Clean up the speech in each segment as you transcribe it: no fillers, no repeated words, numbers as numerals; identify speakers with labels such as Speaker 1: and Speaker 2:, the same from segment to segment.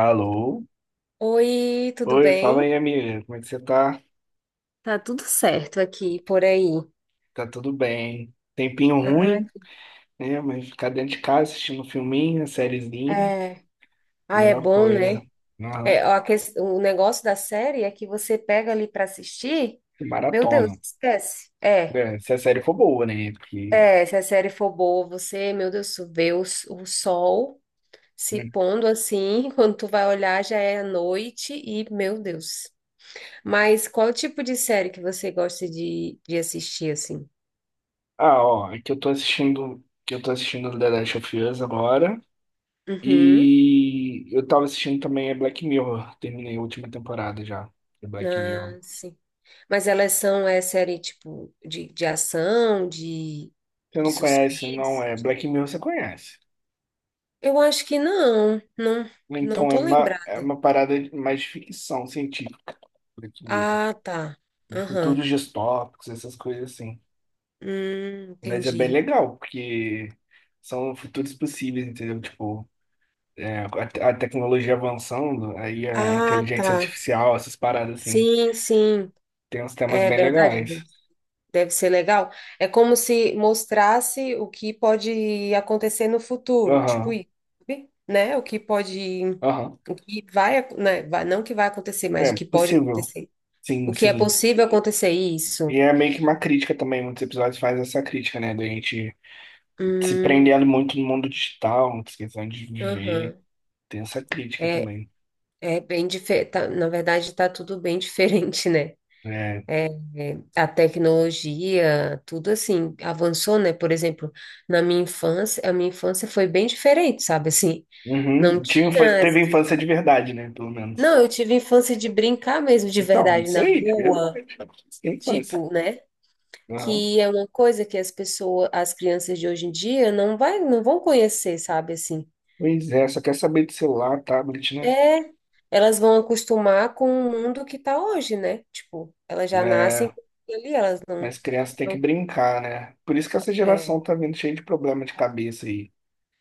Speaker 1: Alô?
Speaker 2: Oi, tudo
Speaker 1: Oi, fala
Speaker 2: bem?
Speaker 1: aí, amiga. Como é que você tá?
Speaker 2: Tá tudo certo aqui, por aí.
Speaker 1: Tá tudo bem? Tempinho
Speaker 2: Ah,
Speaker 1: ruim, né? Mas ficar dentro de casa assistindo um filminho, sériezinha,
Speaker 2: é. Ah, é
Speaker 1: melhor
Speaker 2: bom,
Speaker 1: coisa.
Speaker 2: né?
Speaker 1: Aham.
Speaker 2: É, ó, o negócio da série é que você pega ali para assistir, meu Deus,
Speaker 1: Maratona.
Speaker 2: esquece. É,
Speaker 1: É, se a série for boa, né? Porque...
Speaker 2: é, se a série for boa, você, meu Deus, tu vê o sol se
Speaker 1: né?
Speaker 2: pondo assim, quando tu vai olhar já é a noite e, meu Deus. Mas qual tipo de série que você gosta de assistir, assim?
Speaker 1: Ah, ó, é que eu tô assistindo, The Last of Us agora.
Speaker 2: Uhum.
Speaker 1: E eu tava assistindo também a Black Mirror. Terminei a última temporada já de Black Mirror.
Speaker 2: Ah, sim. Mas elas são, é série, tipo, de ação, de,
Speaker 1: Você
Speaker 2: de
Speaker 1: não conhece, não
Speaker 2: suspense?
Speaker 1: é? Black Mirror você conhece.
Speaker 2: Eu acho que não, não, não
Speaker 1: Então é
Speaker 2: tô
Speaker 1: uma, é
Speaker 2: lembrada.
Speaker 1: uma parada de- mais ficção científica, esse livro.
Speaker 2: Ah, tá.
Speaker 1: De
Speaker 2: Aham.
Speaker 1: futuros distópicos, essas coisas assim. Mas é bem
Speaker 2: Entendi.
Speaker 1: legal, porque são futuros possíveis, entendeu? Tipo, é, a, te- a tecnologia avançando, aí a
Speaker 2: Ah,
Speaker 1: inteligência
Speaker 2: tá.
Speaker 1: artificial, essas paradas assim.
Speaker 2: Sim, sim.
Speaker 1: Tem uns temas
Speaker 2: É
Speaker 1: bem
Speaker 2: verdade,
Speaker 1: legais.
Speaker 2: deve ser legal. É como se mostrasse o que pode acontecer no futuro, tipo,
Speaker 1: Aham,
Speaker 2: isso, sabe? Né? O que pode,
Speaker 1: aham.
Speaker 2: o que vai, né? Não o que vai acontecer, mas
Speaker 1: É
Speaker 2: o que pode
Speaker 1: possível.
Speaker 2: acontecer. O
Speaker 1: Sim,
Speaker 2: que é
Speaker 1: sim.
Speaker 2: possível acontecer isso?
Speaker 1: E é meio que uma crítica também, muitos episódios fazem essa crítica, né? Da gente se
Speaker 2: Hum,
Speaker 1: prendendo muito no mundo digital, muita questão de viver.
Speaker 2: aham.
Speaker 1: Tem essa crítica
Speaker 2: É,
Speaker 1: também.
Speaker 2: é, bem diferente. Na verdade, está tudo bem diferente, né?
Speaker 1: É.
Speaker 2: É, a tecnologia, tudo assim, avançou, né? Por exemplo, a minha infância foi bem diferente, sabe? Assim, não
Speaker 1: Uhum. Tinha, infa-
Speaker 2: tinha.
Speaker 1: teve infância de verdade, né? Pelo menos.
Speaker 2: Não, eu tive infância de brincar mesmo, de
Speaker 1: Então, é
Speaker 2: verdade,
Speaker 1: isso
Speaker 2: na
Speaker 1: aí, de
Speaker 2: rua,
Speaker 1: verdade. Isso que é infância.
Speaker 2: tipo, né?
Speaker 1: Uhum.
Speaker 2: Que é uma coisa que as crianças de hoje em dia não vão conhecer, sabe? Assim.
Speaker 1: Pois é, só quer saber de celular, tablet, né?
Speaker 2: É, elas vão acostumar com o mundo que tá hoje, né? Tipo, elas já
Speaker 1: É,
Speaker 2: nascem ali, elas não,
Speaker 1: mas criança tem que
Speaker 2: não
Speaker 1: brincar, né? Por isso que essa geração
Speaker 2: é,
Speaker 1: tá vindo cheia de problema de cabeça aí.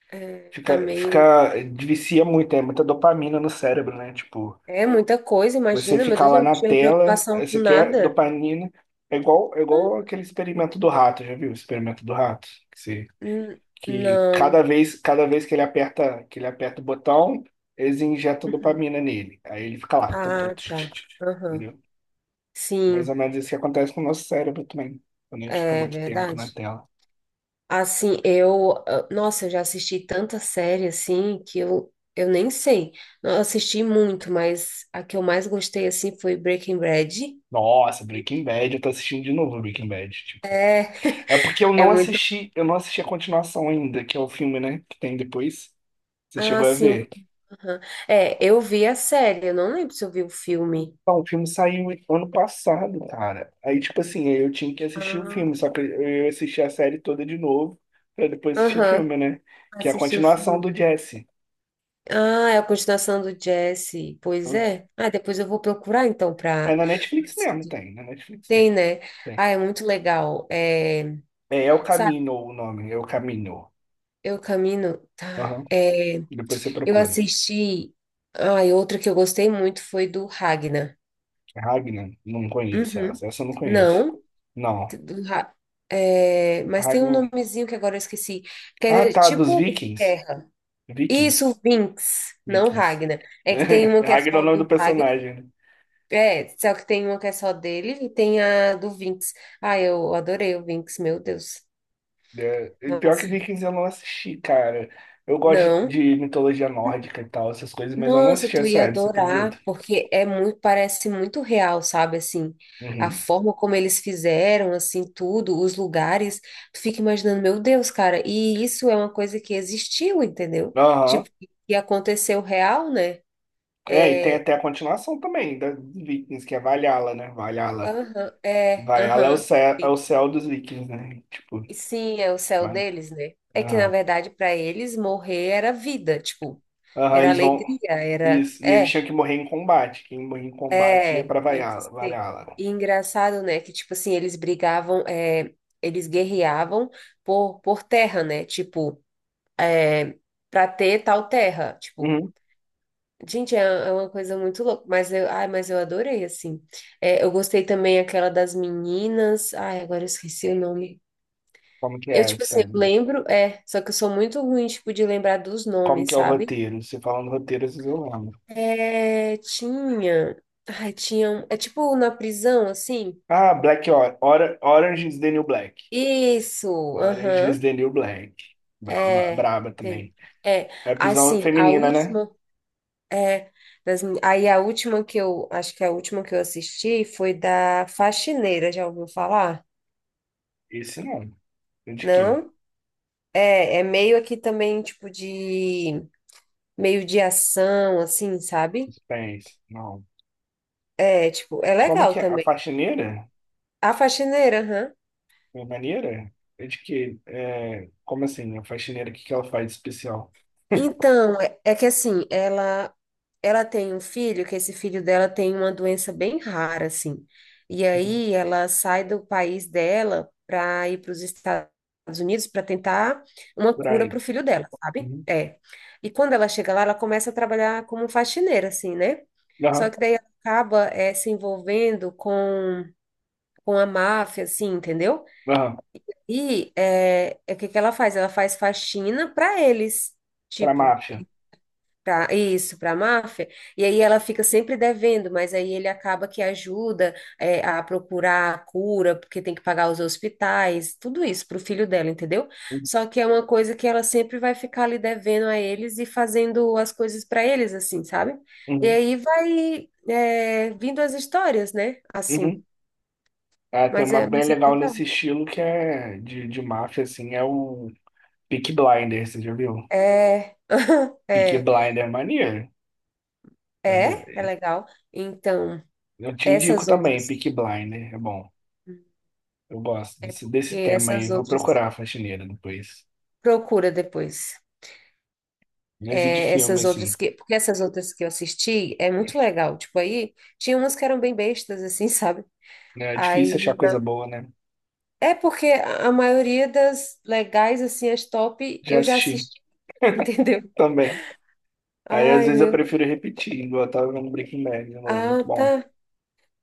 Speaker 2: é, tá
Speaker 1: Fica,
Speaker 2: meio,
Speaker 1: fica, vicia muito, é muita dopamina no cérebro, né? Tipo,
Speaker 2: é muita coisa,
Speaker 1: você
Speaker 2: imagina, meu
Speaker 1: ficar
Speaker 2: Deus, eu
Speaker 1: lá
Speaker 2: não
Speaker 1: na
Speaker 2: tinha
Speaker 1: tela,
Speaker 2: preocupação
Speaker 1: aí
Speaker 2: com
Speaker 1: você quer
Speaker 2: nada.
Speaker 1: dopamina. É igual, é
Speaker 2: Hum,
Speaker 1: igual aquele experimento do rato, já viu? O experimento do rato?
Speaker 2: n-
Speaker 1: Que
Speaker 2: Não.
Speaker 1: cada vez que ele aperta, o botão, eles injetam
Speaker 2: Uhum.
Speaker 1: dopamina nele. Aí ele fica lá, o tempo todo.
Speaker 2: Ah, tá. Aham.
Speaker 1: Entendeu? Mais
Speaker 2: Sim,
Speaker 1: ou menos isso que acontece com o nosso cérebro também, quando a gente fica
Speaker 2: é
Speaker 1: muito tempo na
Speaker 2: verdade.
Speaker 1: tela.
Speaker 2: Assim, ah, nossa, eu já assisti tanta série assim que eu nem sei. Não, eu assisti muito, mas a que eu mais gostei assim foi Breaking Bad.
Speaker 1: Nossa, Breaking Bad, eu tô assistindo de novo Breaking Bad, tipo.
Speaker 2: É,
Speaker 1: É porque eu
Speaker 2: é
Speaker 1: não
Speaker 2: muito.
Speaker 1: assisti, a continuação ainda, que é o filme, né, que tem depois. Você
Speaker 2: Ah,
Speaker 1: chegou a
Speaker 2: sim.
Speaker 1: ver?
Speaker 2: Aham. É, eu vi a série, eu não lembro se eu vi o filme.
Speaker 1: Não, o filme saiu ano passado, cara. Aí, tipo assim, eu tinha que assistir o
Speaker 2: Ah,
Speaker 1: filme, só que eu assisti a série toda de novo, pra depois assistir o
Speaker 2: aham.
Speaker 1: filme, né? Que é a
Speaker 2: Assisti o
Speaker 1: continuação
Speaker 2: filme.
Speaker 1: do Jesse.
Speaker 2: Ah, é a continuação do Jesse. Pois é. Ah, depois eu vou procurar então
Speaker 1: É
Speaker 2: para
Speaker 1: na Netflix mesmo,
Speaker 2: assistir.
Speaker 1: tem. Na Netflix
Speaker 2: Tem,
Speaker 1: tem.
Speaker 2: né?
Speaker 1: Tem.
Speaker 2: Ah, é muito legal. É,
Speaker 1: É El
Speaker 2: sabe,
Speaker 1: Camino o nome, El Camino.
Speaker 2: eu camino, tá?
Speaker 1: Aham.
Speaker 2: É,
Speaker 1: Depois você
Speaker 2: eu
Speaker 1: procura.
Speaker 2: assisti. Ah, e outra que eu gostei muito foi do Ragnar.
Speaker 1: Ragnar, não conheço
Speaker 2: Uhum.
Speaker 1: essa. Essa eu não conheço.
Speaker 2: Não.
Speaker 1: Não.
Speaker 2: Ra- é, mas tem um
Speaker 1: Ragnar.
Speaker 2: nomezinho que agora eu esqueci, que
Speaker 1: Ah,
Speaker 2: era
Speaker 1: tá, dos
Speaker 2: tipo
Speaker 1: Vikings.
Speaker 2: terra. Isso,
Speaker 1: Vikings.
Speaker 2: Vinx, não
Speaker 1: Vikings.
Speaker 2: Ragna. É que tem uma que é
Speaker 1: Ragnar é o
Speaker 2: só
Speaker 1: nome do
Speaker 2: do Ragna,
Speaker 1: personagem. Né?
Speaker 2: é, só que tem uma que é só dele e tem a do Vinx. Ah, eu adorei o Vinx, meu Deus.
Speaker 1: É, e pior que
Speaker 2: Nossa,
Speaker 1: Vikings eu não assisti, cara. Eu gosto
Speaker 2: não.
Speaker 1: de mitologia nórdica e tal, essas coisas, mas eu não
Speaker 2: Nossa,
Speaker 1: assisti a
Speaker 2: tu ia
Speaker 1: série, você acredita?
Speaker 2: adorar, porque é muito, parece muito real, sabe? Assim, a
Speaker 1: Uhum.
Speaker 2: forma como eles fizeram, assim, tudo, os lugares, tu fica imaginando, meu Deus, cara, e isso é uma coisa que existiu, entendeu?
Speaker 1: Aham.
Speaker 2: Tipo, que aconteceu real, né?
Speaker 1: É, e tem
Speaker 2: É,
Speaker 1: até a continuação também da dos Vikings, que é Valhalla, né? Valhalla.
Speaker 2: aham, é,
Speaker 1: Valhalla
Speaker 2: aham.
Speaker 1: é o
Speaker 2: Sim.
Speaker 1: céu dos Vikings, né? Tipo,
Speaker 2: E sim, é o céu
Speaker 1: vai.
Speaker 2: deles, né? É que, na
Speaker 1: Aham.
Speaker 2: verdade, para eles, morrer era vida, tipo,
Speaker 1: Aham,
Speaker 2: era
Speaker 1: eles vão.
Speaker 2: alegria, era,
Speaker 1: Isso. E eles
Speaker 2: é.
Speaker 1: tinham que morrer em combate. Quem morria em combate ia
Speaker 2: É,
Speaker 1: pra
Speaker 2: tinha que
Speaker 1: Valhalla.
Speaker 2: ser.
Speaker 1: Valhalla.
Speaker 2: E engraçado, né, que, tipo assim, eles brigavam, é, eles guerreavam por terra, né, tipo, pra ter tal terra, tipo,
Speaker 1: Uhum.
Speaker 2: gente, é uma coisa muito louca, mas eu adorei, assim. É, eu gostei também aquela das meninas, ai, agora eu esqueci o nome.
Speaker 1: Como que
Speaker 2: Eu,
Speaker 1: é,
Speaker 2: tipo assim, eu
Speaker 1: sério?
Speaker 2: lembro, é, só que eu sou muito ruim, tipo, de lembrar dos
Speaker 1: Como
Speaker 2: nomes,
Speaker 1: que é o
Speaker 2: sabe?
Speaker 1: roteiro? Você falando roteiro, vocês eu lembro.
Speaker 2: É, tinha, é tipo na prisão, assim,
Speaker 1: Ah, Orange is the New Black.
Speaker 2: isso,
Speaker 1: Orange
Speaker 2: aham.
Speaker 1: is the New Black.
Speaker 2: É,
Speaker 1: Braba também.
Speaker 2: tem. É,
Speaker 1: É prisão
Speaker 2: assim, a
Speaker 1: feminina, né?
Speaker 2: última, é, das mi- aí a última que eu, acho que a última que eu assisti foi da Faxineira, já ouviu falar?
Speaker 1: Esse não. É de que?
Speaker 2: Não? É, meio aqui também, tipo, de, meio de ação, assim, sabe?
Speaker 1: Suspense. Não.
Speaker 2: É, tipo, é
Speaker 1: Como
Speaker 2: legal
Speaker 1: que é? A
Speaker 2: também.
Speaker 1: faxineira?
Speaker 2: A Faxineira, aham.
Speaker 1: A maneira? É de que? É... Como assim? A faxineira, o que que ela faz de especial?
Speaker 2: Então, é que assim, ela tem um filho, que esse filho dela tem uma doença bem rara, assim. E aí ela sai do país dela para ir para os Estados Unidos para tentar uma
Speaker 1: Por
Speaker 2: cura
Speaker 1: aí.
Speaker 2: para o filho dela, sabe?
Speaker 1: Uhum.
Speaker 2: É. E quando ela chega lá, ela começa a trabalhar como faxineira, assim, né?
Speaker 1: Aham.
Speaker 2: Só que daí ela acaba se envolvendo com a máfia, assim, entendeu?
Speaker 1: Aham.
Speaker 2: E é o que que ela faz? Ela faz faxina para eles,
Speaker 1: Pra
Speaker 2: tipo.
Speaker 1: máfia.
Speaker 2: Pra, isso, para a máfia, e aí ela fica sempre devendo, mas aí ele acaba que ajuda a procurar a cura, porque tem que pagar os hospitais, tudo isso para o filho dela, entendeu?
Speaker 1: Uhum.
Speaker 2: Só que é uma coisa que ela sempre vai ficar ali devendo a eles e fazendo as coisas para eles, assim, sabe? E
Speaker 1: Uhum.
Speaker 2: aí vai vindo as histórias, né? Assim,
Speaker 1: Uhum. Ah, tem
Speaker 2: mas
Speaker 1: uma
Speaker 2: é,
Speaker 1: bem
Speaker 2: mas é
Speaker 1: legal
Speaker 2: legal.
Speaker 1: nesse estilo que é de máfia, assim, é o Peaky Blinders, você já viu?
Speaker 2: É,
Speaker 1: Peaky
Speaker 2: é,
Speaker 1: Blinder é maneiro. É do-
Speaker 2: é, é legal. Então,
Speaker 1: Eu te indico
Speaker 2: essas
Speaker 1: também,
Speaker 2: outras,
Speaker 1: Peaky Blinder. É bom. Eu gosto
Speaker 2: é
Speaker 1: desse,
Speaker 2: porque
Speaker 1: desse tema aí.
Speaker 2: essas
Speaker 1: Vou
Speaker 2: outras.
Speaker 1: procurar a faxineira depois.
Speaker 2: Procura depois.
Speaker 1: Mas e de
Speaker 2: É,
Speaker 1: filme,
Speaker 2: essas outras
Speaker 1: assim?
Speaker 2: que, porque essas outras que eu assisti é muito legal. Tipo, aí tinha umas que eram bem bestas, assim, sabe?
Speaker 1: É difícil
Speaker 2: Aí,
Speaker 1: achar coisa
Speaker 2: na-
Speaker 1: boa, né?
Speaker 2: É porque a maioria das legais, assim, as top,
Speaker 1: Já
Speaker 2: eu já
Speaker 1: assisti
Speaker 2: assisti, entendeu?
Speaker 1: também. Aí às
Speaker 2: Ai,
Speaker 1: vezes eu
Speaker 2: meu.
Speaker 1: prefiro repetir, igual eu tava vendo Breaking Bad de novo.
Speaker 2: Ah,
Speaker 1: Muito bom.
Speaker 2: tá.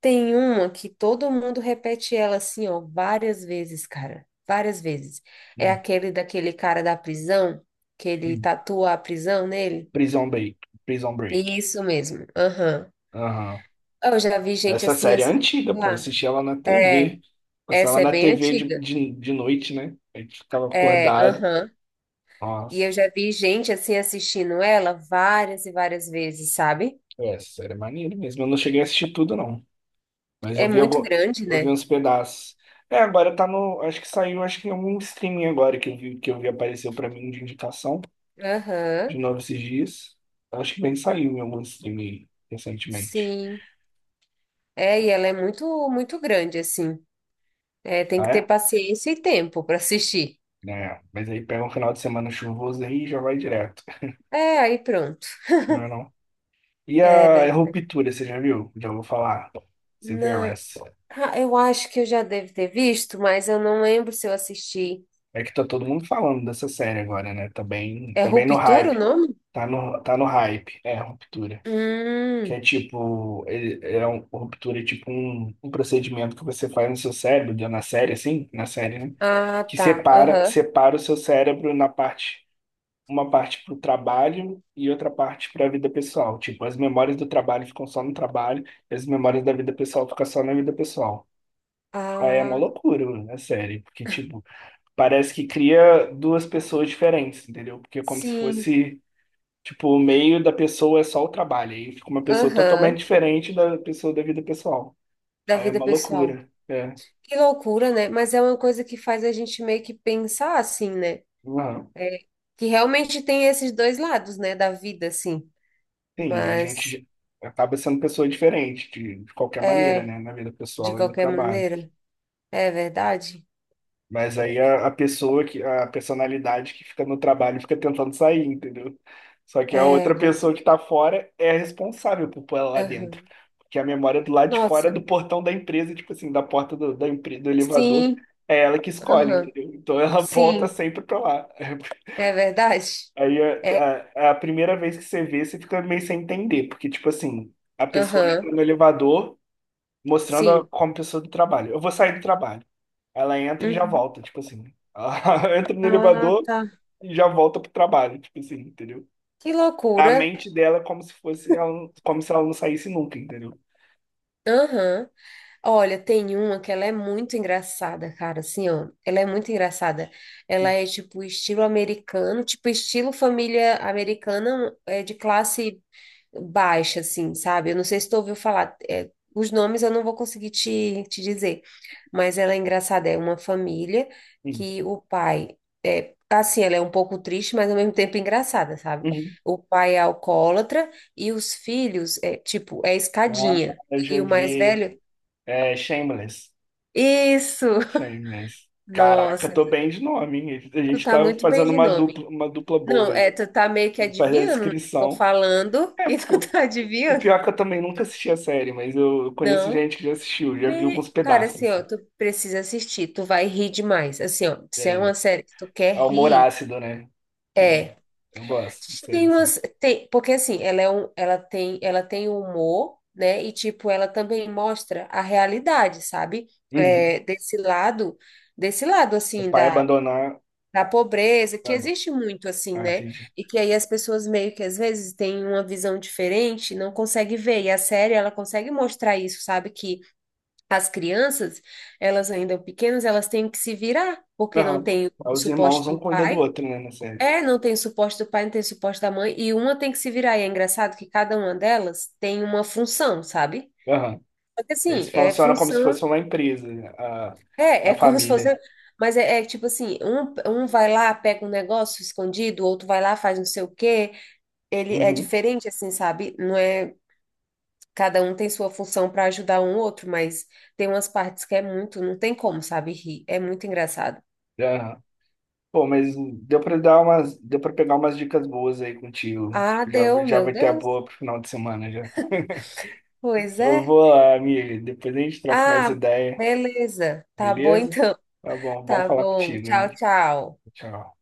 Speaker 2: Tem uma que todo mundo repete ela, assim, ó, várias vezes, cara. Várias vezes. É
Speaker 1: Hum,
Speaker 2: aquele daquele cara da prisão, que ele
Speaker 1: hum.
Speaker 2: tatua a prisão nele.
Speaker 1: Prison Break. Prison Break.
Speaker 2: Isso mesmo. Aham.
Speaker 1: Aham.
Speaker 2: Eu já vi gente
Speaker 1: Essa
Speaker 2: assim,
Speaker 1: série é
Speaker 2: assim,
Speaker 1: antiga,
Speaker 2: sei
Speaker 1: pô.
Speaker 2: lá.
Speaker 1: Assisti ela na
Speaker 2: É,
Speaker 1: TV. Passava
Speaker 2: essa é
Speaker 1: na
Speaker 2: bem
Speaker 1: TV de,
Speaker 2: antiga.
Speaker 1: de, de noite, né? A gente ficava
Speaker 2: É,
Speaker 1: acordado.
Speaker 2: aham. E
Speaker 1: Nossa.
Speaker 2: eu já vi gente assim assistindo ela várias e várias vezes, sabe?
Speaker 1: É, essa série é maneiro mesmo. Eu não cheguei a assistir tudo, não. Mas eu
Speaker 2: É
Speaker 1: vi,
Speaker 2: muito
Speaker 1: algum,
Speaker 2: grande,
Speaker 1: eu vi
Speaker 2: né?
Speaker 1: uns pedaços. É, agora tá no. Acho que saiu, acho que em algum streaming agora que eu vi, apareceu pra mim de indicação
Speaker 2: Aham,
Speaker 1: de novo esses dias. Acho que bem saiu em algum streaming recentemente.
Speaker 2: sim. É, e ela é muito, muito grande, assim. É, tem
Speaker 1: Ah,
Speaker 2: que ter
Speaker 1: é?
Speaker 2: paciência e tempo para assistir.
Speaker 1: É, mas aí pega um final de semana chuvoso aí e já vai direto.
Speaker 2: É, aí pronto.
Speaker 1: Não é não? E
Speaker 2: É
Speaker 1: a
Speaker 2: verdade.
Speaker 1: Ruptura, você já viu? Já vou falar.
Speaker 2: Não,
Speaker 1: Severance.
Speaker 2: ah, eu acho que eu já devo ter visto, mas eu não lembro se eu assisti.
Speaker 1: É que tá todo mundo falando dessa série agora, né? Tá bem,
Speaker 2: É
Speaker 1: tá bem no
Speaker 2: Ruptura o
Speaker 1: hype.
Speaker 2: nome?
Speaker 1: Tá no, tá no hype. É, Ruptura. Que é
Speaker 2: Hum,
Speaker 1: tipo, ele, é um, Ruptura é tipo um, um procedimento que você faz no seu cérebro, deu na série, assim, na série, né?
Speaker 2: ah,
Speaker 1: Que
Speaker 2: tá.
Speaker 1: separa,
Speaker 2: Aham.
Speaker 1: separa o seu cérebro na parte, uma parte pro trabalho e outra parte pra vida pessoal. Tipo, as memórias do trabalho ficam só no trabalho, e as memórias da vida pessoal ficam só na vida pessoal. Aí é uma
Speaker 2: Ah,
Speaker 1: loucura, né, série? Porque, tipo, parece que cria duas pessoas diferentes, entendeu? Porque é como se
Speaker 2: sim,
Speaker 1: fosse, tipo, o meio da pessoa é só o trabalho. Aí fica uma pessoa totalmente
Speaker 2: aham,
Speaker 1: diferente da pessoa da vida pessoal.
Speaker 2: da
Speaker 1: Aí é
Speaker 2: vida
Speaker 1: uma
Speaker 2: pessoal.
Speaker 1: loucura. É.
Speaker 2: Que loucura, né? Mas é uma coisa que faz a gente meio que pensar assim, né?
Speaker 1: Uhum.
Speaker 2: É, que realmente tem esses dois lados, né, da vida, assim.
Speaker 1: Sim, a
Speaker 2: Mas,
Speaker 1: gente acaba sendo pessoa diferente, de qualquer maneira,
Speaker 2: é,
Speaker 1: né? Na vida
Speaker 2: de
Speaker 1: pessoal e no
Speaker 2: qualquer
Speaker 1: trabalho.
Speaker 2: maneira, é verdade?
Speaker 1: Mas aí a pessoa que, a personalidade que fica no trabalho fica tentando sair, entendeu? Só que a
Speaker 2: É,
Speaker 1: outra pessoa que tá fora é a responsável por pôr ela lá dentro.
Speaker 2: aham.
Speaker 1: Porque a memória do lado de fora é
Speaker 2: Nossa,
Speaker 1: do portão da empresa, tipo assim, da porta do, da empresa, do elevador,
Speaker 2: sim,
Speaker 1: é ela que escolhe,
Speaker 2: aham,
Speaker 1: entendeu? Então ela volta
Speaker 2: sim,
Speaker 1: sempre pra lá.
Speaker 2: é verdade?
Speaker 1: Aí
Speaker 2: É,
Speaker 1: a primeira vez que você vê, você fica meio sem entender, porque, tipo assim, a pessoa
Speaker 2: aham,
Speaker 1: entra no elevador mostrando a,
Speaker 2: sim.
Speaker 1: como pessoa do trabalho. Eu vou sair do trabalho. Ela entra e já
Speaker 2: Uhum.
Speaker 1: volta, tipo assim. Ela entra no
Speaker 2: Ah,
Speaker 1: elevador
Speaker 2: tá.
Speaker 1: e já volta pro trabalho, tipo assim, entendeu?
Speaker 2: Que
Speaker 1: A
Speaker 2: loucura.
Speaker 1: mente dela é como se fosse ela, como se ela não saísse nunca, entendeu?
Speaker 2: Aham. Olha, tem uma que ela é muito engraçada, cara, assim, ó, ela é muito engraçada, ela é tipo estilo americano, tipo estilo família americana de classe baixa, assim, sabe? Eu não sei se tu ouviu falar, é, os nomes eu não vou conseguir te dizer, mas ela é engraçada, é uma família
Speaker 1: Sim.
Speaker 2: que o pai, assim, ela é um pouco triste, mas ao mesmo tempo engraçada, sabe?
Speaker 1: Uhum.
Speaker 2: O pai é alcoólatra e os filhos, tipo, é
Speaker 1: Ah,
Speaker 2: escadinha,
Speaker 1: eu já
Speaker 2: e o mais
Speaker 1: vi
Speaker 2: velho
Speaker 1: é, Shameless.
Speaker 2: isso!
Speaker 1: Shameless. Caraca,
Speaker 2: Nossa,
Speaker 1: tô bem de nome, hein? A
Speaker 2: tu
Speaker 1: gente
Speaker 2: tá
Speaker 1: tá
Speaker 2: muito bem
Speaker 1: fazendo
Speaker 2: de nome.
Speaker 1: uma dupla boa
Speaker 2: Não,
Speaker 1: aí.
Speaker 2: tu tá meio que
Speaker 1: Fazer a
Speaker 2: adivinhando, né? Tô
Speaker 1: descrição.
Speaker 2: falando
Speaker 1: É,
Speaker 2: e
Speaker 1: porque
Speaker 2: tu
Speaker 1: eu,
Speaker 2: tá
Speaker 1: e
Speaker 2: adivinhando.
Speaker 1: pior que eu também nunca assisti a série, mas eu, conheço
Speaker 2: Não.
Speaker 1: gente que já assistiu, já viu alguns
Speaker 2: Cara,
Speaker 1: pedaços,
Speaker 2: assim, ó,
Speaker 1: assim.
Speaker 2: tu precisa assistir, tu vai rir demais. Assim, ó, se é
Speaker 1: É,
Speaker 2: uma série que tu quer
Speaker 1: é o humor
Speaker 2: rir,
Speaker 1: ácido, né? Eu,
Speaker 2: é.
Speaker 1: gosto, sério, assim.
Speaker 2: Porque assim, ela é um, ela tem humor, né? E tipo, ela também mostra a realidade, sabe?
Speaker 1: Uhum.
Speaker 2: É, desse lado
Speaker 1: O
Speaker 2: assim
Speaker 1: pai abandonar.
Speaker 2: da pobreza, que
Speaker 1: Ah, do-
Speaker 2: existe muito assim,
Speaker 1: ah,
Speaker 2: né?
Speaker 1: entendi.
Speaker 2: E que aí as pessoas meio que às vezes têm uma visão diferente, não consegue ver. E a série, ela consegue mostrar isso, sabe? Que as crianças, elas ainda pequenas, elas têm que se virar, porque não
Speaker 1: Aham.
Speaker 2: tem
Speaker 1: Aí
Speaker 2: o
Speaker 1: os
Speaker 2: suporte
Speaker 1: irmãos um
Speaker 2: do
Speaker 1: cuida do
Speaker 2: pai.
Speaker 1: outro, né, na série.
Speaker 2: É, não tem o suporte do pai, não tem o suporte da mãe, e uma tem que se virar. E é engraçado que cada uma delas tem uma função, sabe?
Speaker 1: Aham.
Speaker 2: Só que assim,
Speaker 1: Eles
Speaker 2: é
Speaker 1: funcionam como se
Speaker 2: função.
Speaker 1: fosse uma empresa, a,
Speaker 2: É,
Speaker 1: a
Speaker 2: é como se fosse.
Speaker 1: família.
Speaker 2: Mas é, tipo assim, um vai lá, pega um negócio escondido, o outro vai lá, faz não sei o quê. Ele é
Speaker 1: Uhum.
Speaker 2: diferente, assim, sabe? Não é. Cada um tem sua função para ajudar um outro, mas tem umas partes que é muito, não tem como, sabe, rir. É muito engraçado.
Speaker 1: Aham. Pô, mas deu pra dar umas, deu pra pegar umas dicas boas aí contigo.
Speaker 2: Ah,
Speaker 1: Já,
Speaker 2: deu,
Speaker 1: já
Speaker 2: meu
Speaker 1: vai ter a
Speaker 2: Deus.
Speaker 1: boa pro final de semana já.
Speaker 2: Pois
Speaker 1: Eu
Speaker 2: é.
Speaker 1: vou lá, amigo. Depois a gente troca mais
Speaker 2: Ah,
Speaker 1: ideia,
Speaker 2: beleza. Tá bom
Speaker 1: beleza?
Speaker 2: então.
Speaker 1: Tá bom, bom
Speaker 2: Tá
Speaker 1: falar
Speaker 2: bom.
Speaker 1: contigo,
Speaker 2: Tchau,
Speaker 1: hein?
Speaker 2: tchau.
Speaker 1: Tchau.